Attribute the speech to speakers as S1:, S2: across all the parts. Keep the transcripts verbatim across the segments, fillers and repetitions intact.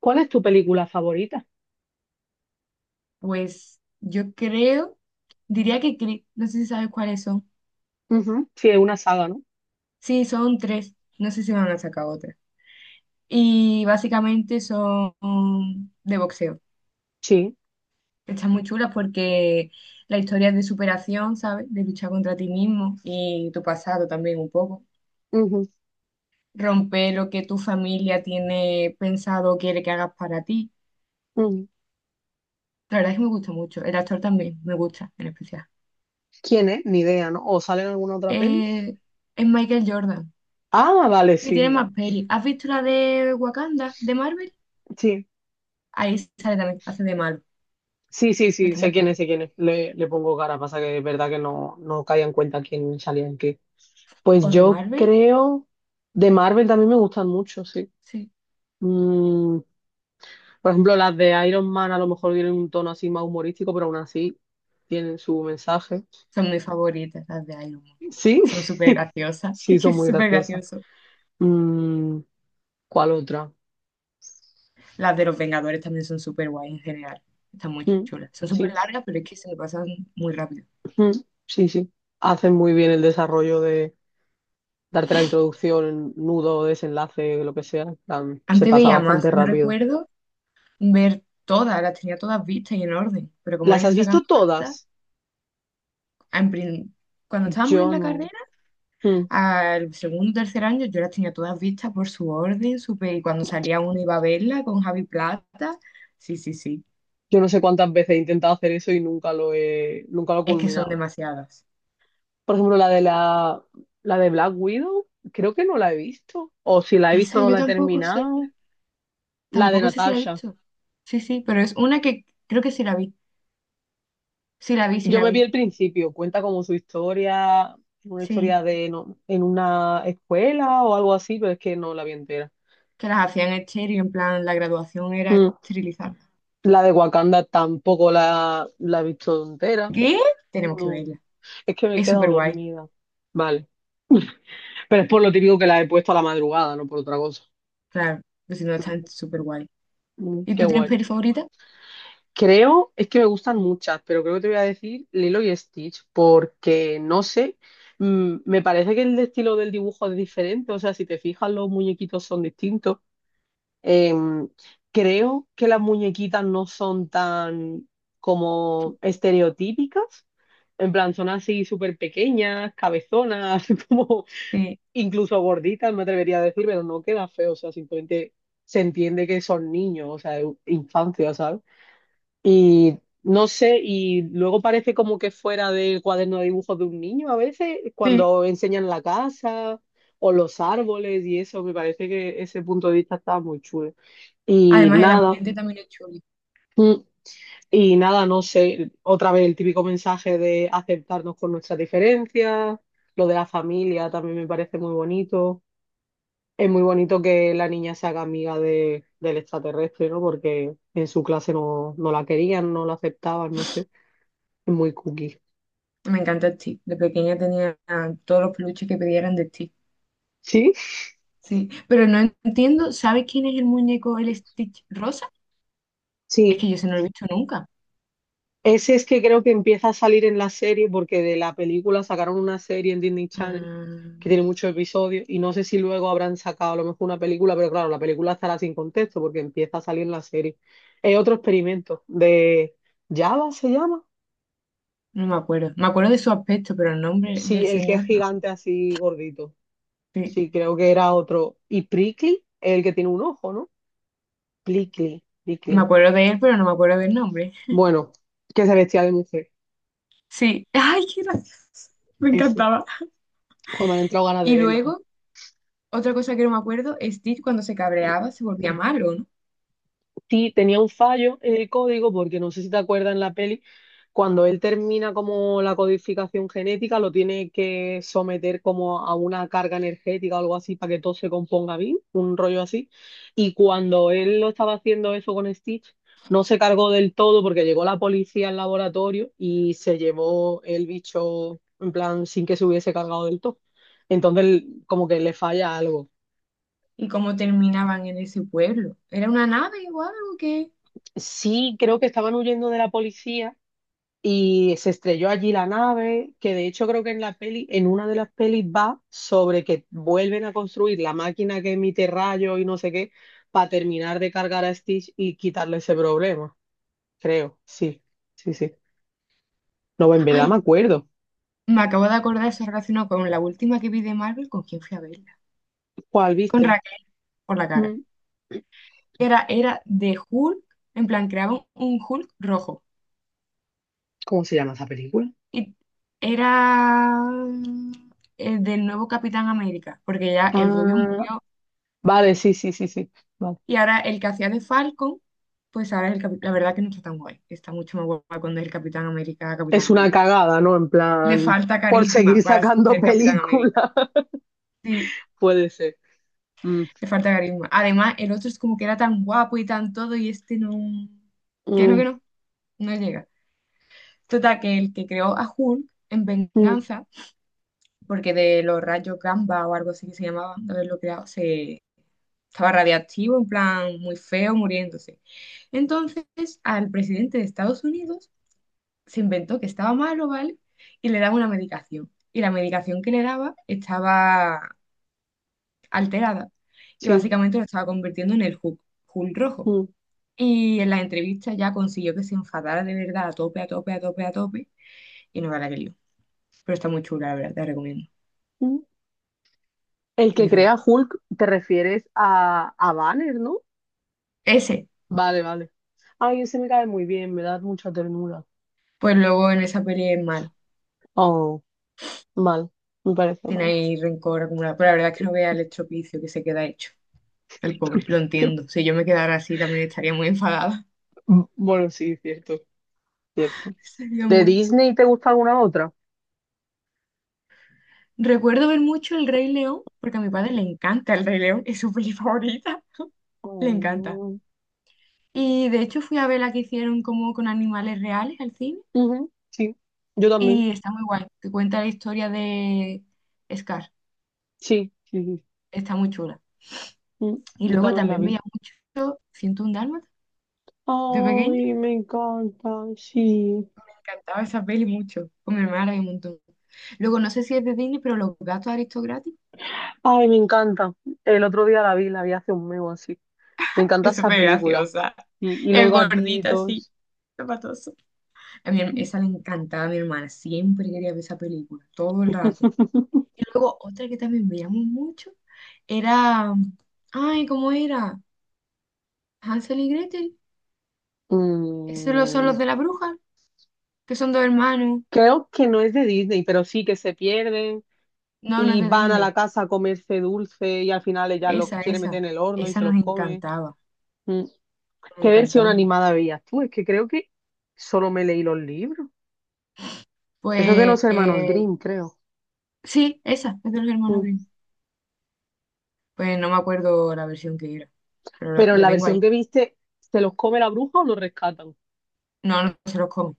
S1: ¿Cuál es tu película favorita?
S2: Pues yo creo, diría que cri- no sé si sabes cuáles son.
S1: Ujú, sí, es una saga, ¿no?
S2: Sí, son tres. No sé si van a sacar otra. Y básicamente son de boxeo.
S1: Sí.
S2: Están muy chulas porque la historia es de superación, ¿sabes? De luchar contra ti mismo y tu pasado también un poco.
S1: Ujú,
S2: Romper lo que tu familia tiene pensado o quiere que hagas para ti.
S1: ujú.
S2: La verdad es que me gusta mucho. El actor también me gusta, en especial.
S1: ¿Quién es? Ni idea, ¿no? ¿O sale en alguna otra peli?
S2: Eh, es Michael Jordan.
S1: Ah, vale,
S2: Y
S1: sí,
S2: tiene
S1: vale.
S2: más peli. ¿Has visto la de Wakanda, de Marvel?
S1: Sí.
S2: Ahí sale también, hace de Marvel,
S1: Sí, sí,
S2: pero
S1: sí,
S2: está
S1: sé
S2: muy
S1: quién
S2: chula.
S1: es, sé quién es. Le, le pongo cara, pasa que es verdad que no, no caía en cuenta quién salía en qué. Pues
S2: ¿O de
S1: yo
S2: Marvel?
S1: creo, de Marvel también me gustan mucho, sí.
S2: Sí.
S1: Mm, por ejemplo, las de Iron Man a lo mejor tienen un tono así más humorístico, pero aún así tienen su mensaje.
S2: Son mis favoritas, las de Iron Man.
S1: Sí,
S2: Son súper graciosas.
S1: sí,
S2: Es que
S1: son
S2: es
S1: muy
S2: súper
S1: graciosas.
S2: gracioso.
S1: Mm, ¿Cuál otra?
S2: Las de los Vengadores también son súper guay en general. Están muy
S1: Mm,
S2: chulas. Son súper
S1: sí,
S2: largas, pero es que se me pasan muy rápido.
S1: mm, sí, sí. Hacen muy bien el desarrollo de darte la introducción, nudo, desenlace, lo que sea. En plan, se
S2: Antes
S1: pasa
S2: veía más.
S1: bastante
S2: Yo
S1: rápido.
S2: recuerdo ver todas, las tenía todas vistas y en orden. Pero como
S1: ¿Las
S2: han ido
S1: has visto
S2: sacando tantas,
S1: todas?
S2: en prin- cuando estábamos en
S1: Yo
S2: la
S1: no.
S2: carrera,
S1: Mm,
S2: al segundo, tercer año yo las tenía todas vistas por su orden, súper, y cuando salía una iba a verla con Javi Plata. Sí, sí, sí.
S1: Yo no sé cuántas veces he intentado hacer eso y nunca lo he, nunca lo he
S2: Es que son
S1: culminado.
S2: demasiadas.
S1: Por ejemplo, la de la, la de Black Widow, creo que no la he visto. O si la he visto,
S2: Esa
S1: no
S2: yo
S1: la he
S2: tampoco sé,
S1: terminado. La de
S2: tampoco sé si la he
S1: Natasha.
S2: visto. Sí, sí, pero es una que creo que sí la vi. Sí la vi, sí
S1: Yo
S2: la
S1: me vi
S2: vi.
S1: el principio, cuenta como su historia, una historia
S2: Sí,
S1: de no, en una escuela o algo así, pero es que no la vi entera.
S2: que las hacían estéril, en plan, la graduación era
S1: Mm.
S2: esterilizar.
S1: La de Wakanda tampoco la, la he visto entera.
S2: ¿Qué? Tenemos que
S1: No,
S2: verla.
S1: es que me he
S2: Es
S1: quedado
S2: súper guay,
S1: dormida. Vale, pero es por lo típico que la he puesto a la madrugada, no por otra cosa.
S2: claro, pues si no está
S1: Mm.
S2: súper guay.
S1: Mm,
S2: ¿Y
S1: Qué
S2: tú tienes
S1: guay.
S2: peli favorita?
S1: Creo, es que me gustan muchas, pero creo que te voy a decir Lilo y Stitch, porque no sé, mm, me parece que el estilo del dibujo es diferente, o sea, si te fijas los muñequitos son distintos. Em, Creo que las muñequitas no son tan como estereotípicas. En plan, son así súper pequeñas, cabezonas, como
S2: Sí,
S1: incluso gorditas, me atrevería a decir, pero no queda feo. O sea, simplemente se entiende que son niños, o sea, infancia, ¿sabes? Y no sé, y luego parece como que fuera del cuaderno de dibujos de un niño a veces,
S2: sí.
S1: cuando enseñan la casa o los árboles y eso, me parece que ese punto de vista está muy chulo. Y
S2: Además, el
S1: nada,
S2: ambiente también es chulo.
S1: mm, y nada, no sé, otra vez el típico mensaje de aceptarnos con nuestras diferencias, lo de la familia también me parece muy bonito. Es muy bonito que la niña se haga amiga de, del extraterrestre, ¿no? Porque en su clase no, no la querían, no la aceptaban, no sé, es muy cookie.
S2: Me encanta el Stitch. De pequeña tenía ah, todos los peluches que pedían de Stitch.
S1: ¿Sí?
S2: Sí, pero no entiendo, ¿sabes quién es el muñeco, el Stitch rosa? Es
S1: Sí.
S2: que yo se no lo he visto nunca.
S1: Ese es que creo que empieza a salir en la serie porque de la película sacaron una serie en Disney
S2: Ah,
S1: Channel que tiene muchos episodios y no sé si luego habrán sacado a lo mejor una película, pero claro, la película estará sin contexto porque empieza a salir en la serie. Es otro experimento de Java se llama.
S2: no me acuerdo. Me acuerdo de su aspecto, pero el nombre
S1: Sí,
S2: del
S1: el que es
S2: señor no.
S1: gigante así gordito.
S2: Sí,
S1: Sí, creo que era otro. Y Prickly, el que tiene un ojo, ¿no? Prickly,
S2: me
S1: Prickly.
S2: acuerdo de él, pero no me acuerdo del nombre.
S1: Bueno, que se vestía de mujer.
S2: Sí, ay, qué gracioso. Me
S1: Ese.
S2: encantaba.
S1: Joder, me han entrado ganas de
S2: Y
S1: verla.
S2: luego, otra cosa que no me acuerdo, Stitch cuando se cabreaba se volvía malo, ¿no?
S1: Sí, tenía un fallo en el código, porque no sé si te acuerdas en la peli, cuando él termina como la codificación genética, lo tiene que someter como a una carga energética o algo así para que todo se componga bien, un rollo así. Y cuando él lo estaba haciendo eso con Stitch, no se cargó del todo porque llegó la policía al laboratorio y se llevó el bicho en plan sin que se hubiese cargado del todo. Entonces, como que le falla algo.
S2: Y cómo terminaban en ese pueblo. Era una nave o algo que...
S1: Sí, creo que estaban huyendo de la policía y se estrelló allí la nave, que de hecho creo que en la peli, en una de las pelis va sobre que vuelven a construir la máquina que emite rayos y no sé qué, para terminar de cargar a Stitch y quitarle ese problema, creo, sí, sí, sí. No, en verdad me
S2: Ay,
S1: acuerdo.
S2: me acabo de acordar, eso relacionado con la última que vi de Marvel, ¿con quién fui a verla?
S1: ¿Cuál
S2: Con
S1: viste?
S2: Raquel por la cara.
S1: Mm.
S2: Era, era de Hulk, en plan, creaban un Hulk rojo.
S1: ¿Cómo se llama esa película?
S2: Y era mm, el del nuevo Capitán América, porque ya el rubio
S1: Ah,
S2: murió.
S1: vale, sí, sí, sí, sí. Vale.
S2: Y ahora el que hacía de Falcon, pues ahora es el Capitán. La verdad que no está tan guay. Está mucho más guay cuando es el Capitán América, Capitán
S1: Es una
S2: América.
S1: cagada, ¿no? En
S2: Le
S1: plan,
S2: falta
S1: por
S2: carisma
S1: seguir
S2: para
S1: sacando
S2: ser Capitán
S1: películas.
S2: América. Sí,
S1: Puede ser. Mm,
S2: le falta carisma. Además, el otro es como que era tan guapo y tan todo, y este no. Que no,
S1: mm,
S2: que no, no llega. Total, que el que creó a Hulk en
S1: mm.
S2: venganza, porque de los rayos gamma o algo así que se llamaba, de haberlo creado, se estaba radiactivo, en plan muy feo, muriéndose. Entonces, al presidente de Estados Unidos se inventó que estaba malo, ¿vale? Y le daba una medicación. Y la medicación que le daba estaba alterada. Y
S1: Sí.
S2: básicamente lo estaba convirtiendo en el Hulk, Hulk rojo.
S1: Mm,
S2: Y en la entrevista ya consiguió que se enfadara de verdad a tope, a tope, a tope, a tope. Y no gana que lío. Pero está muy chula, la verdad, te la recomiendo.
S1: mm. El
S2: Es
S1: que
S2: diferente.
S1: crea Hulk, te refieres a, a, Banner, ¿no?
S2: Ese,
S1: Vale, vale. Ay, ese me cae muy bien, me da mucha ternura.
S2: pues luego en esa peli es malo.
S1: Oh, mal. Me parece
S2: Tiene
S1: mal.
S2: ahí rencor acumulado. Pero la verdad es que no vea el estropicio que se queda hecho. El pobre, lo entiendo. Si yo me quedara así también estaría muy enfadada.
S1: Bueno, sí, cierto, cierto.
S2: Estaría
S1: ¿De
S2: muy...
S1: Disney te gusta alguna otra?
S2: Recuerdo ver mucho El Rey León, porque a mi padre le encanta El Rey León. Es su peli favorita. Le encanta.
S1: Oh,
S2: Y de hecho fui a ver la que hicieron como con animales reales al cine.
S1: ujú, sí, yo también.
S2: Y está muy guay, te cuenta la historia de Scar,
S1: Sí, sí, sí.
S2: está muy chula.
S1: Mm,
S2: Y
S1: Yo
S2: luego
S1: también la
S2: también
S1: vi.
S2: veía mucho ciento uno Dálmatas de pequeña,
S1: Ay, me encanta, sí.
S2: me encantaba esa peli mucho, con mi hermana la vi un montón. Luego no sé si es de Disney, pero Los Gatos Aristocráticos
S1: Ay, me encanta. El otro día la vi, la vi hace un mes o así. Me encanta
S2: es
S1: esa
S2: súper
S1: película.
S2: graciosa,
S1: Y, y los
S2: es gordita así,
S1: gatitos.
S2: zapatoso. A mi, her- esa le encantaba a mi hermana, siempre quería ver esa película, todo el rato. Y luego otra que también veíamos mucho era, ay, ¿cómo era? Hansel y Gretel, esos lo- son
S1: Mm,
S2: los de la bruja, que son dos hermanos.
S1: Creo que no es de Disney, pero sí que se pierden
S2: No, no es
S1: y
S2: de
S1: van a la
S2: Disney.
S1: casa a comerse dulce y al final ella los
S2: Esa,
S1: quiere
S2: esa.
S1: meter en el horno y
S2: Esa
S1: se los
S2: nos
S1: come.
S2: encantaba.
S1: Mm,
S2: Nos
S1: ¿Qué
S2: encantaba
S1: versión
S2: un montón.
S1: animada veías tú? Es que creo que solo me leí los libros. Eso es de
S2: Pues
S1: los hermanos
S2: eh,
S1: Grimm, creo.
S2: sí, esa, es de los hermanos
S1: Mm.
S2: Grimm. Pues no me acuerdo la versión que era, pero la,
S1: Pero en
S2: la
S1: la
S2: tengo
S1: versión
S2: ahí.
S1: que viste, ¿se los come la bruja o los rescatan?
S2: No, no se los come.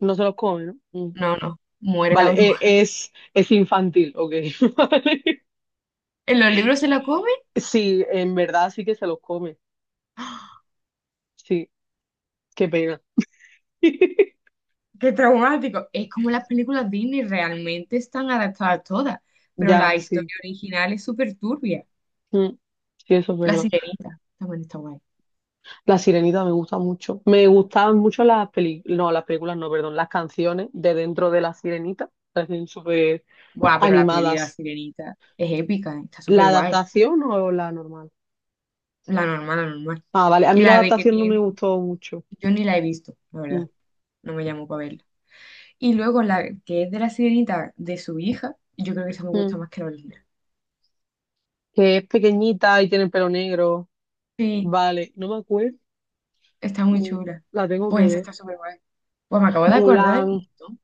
S1: No se los come, ¿no? Mm.
S2: No, no. Muere la
S1: Vale, eh,
S2: bruja.
S1: es, es infantil, ok. Vale.
S2: ¿En los libros se la come?
S1: Sí, en verdad sí que se los come.
S2: ¡Ah!
S1: Sí, qué pena.
S2: ¡Qué traumático! Es como las películas Disney realmente están adaptadas todas, pero
S1: Ya,
S2: la historia
S1: sí.
S2: original es súper turbia.
S1: Mm. Sí, eso es
S2: La
S1: verdad.
S2: Sirenita también está guay.
S1: La Sirenita me gusta mucho. Me gustaban mucho las películas, no, las películas no, perdón, las canciones de dentro de La Sirenita. Parecen súper
S2: Guau, pero la peli de la
S1: animadas.
S2: Sirenita es épica, ¿eh? Está
S1: ¿La
S2: súper guay.
S1: adaptación o la normal?
S2: La normal, la normal.
S1: Ah, vale, a
S2: Y
S1: mí la
S2: la B que
S1: adaptación no me
S2: tiene,
S1: gustó mucho.
S2: yo ni la he visto, la
S1: Mm.
S2: verdad. No me llamó para verla. Y luego la que es de la sirenita de su hija, yo creo que esa me
S1: Mm.
S2: gusta más que la original.
S1: Que es pequeñita y tiene el pelo negro.
S2: Sí,
S1: Vale, no me acuerdo.
S2: está muy
S1: Mm,
S2: chula.
S1: La tengo que
S2: Pues esa
S1: ver.
S2: está súper guay. Pues me acabo de acordar de
S1: Mulan.
S2: mi montón.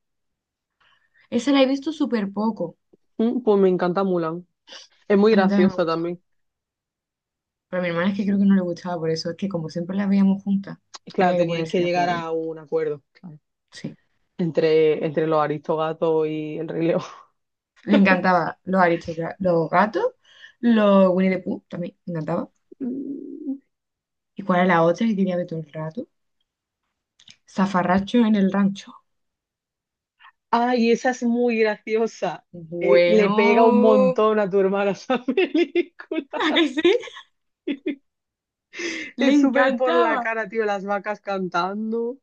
S2: Esa la he visto súper poco.
S1: Mm, Pues me encanta Mulan. Es muy
S2: A mí también me ha
S1: graciosa
S2: gustado.
S1: también.
S2: Pero a mi hermana es que creo
S1: Sí.
S2: que no le gustaba, por eso es que como siempre la veíamos juntas,
S1: Y claro,
S2: había que
S1: teníais
S2: ponerse
S1: que
S2: de
S1: llegar
S2: acuerdo.
S1: a un acuerdo, claro,
S2: Sí.
S1: entre, entre los Aristogatos y el Rey León.
S2: Le encantaba los aristocratas, los gatos, los Winnie the Pooh también, le encantaba.
S1: Mm.
S2: ¿Y cuál era la otra que quería ver todo el rato? Zafarracho en el rancho.
S1: Ay, esa es muy graciosa. Eh, le pega un
S2: Bueno,
S1: montón a tu hermana esa película.
S2: ¿a que sí? Le
S1: Es súper por la
S2: encantaba.
S1: cara, tío, las vacas cantando,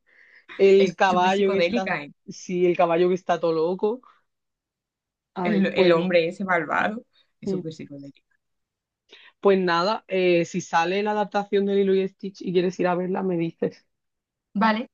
S1: el
S2: Es súper
S1: caballo que está,
S2: psicodélica, ¿eh?
S1: sí, el caballo que está todo loco. Ay,
S2: El, el
S1: pues,
S2: hombre ese malvado es
S1: mm.
S2: súper psicodélico.
S1: Pues nada, eh, si sale la adaptación de Lilo y Stitch y quieres ir a verla, me dices.
S2: Vale,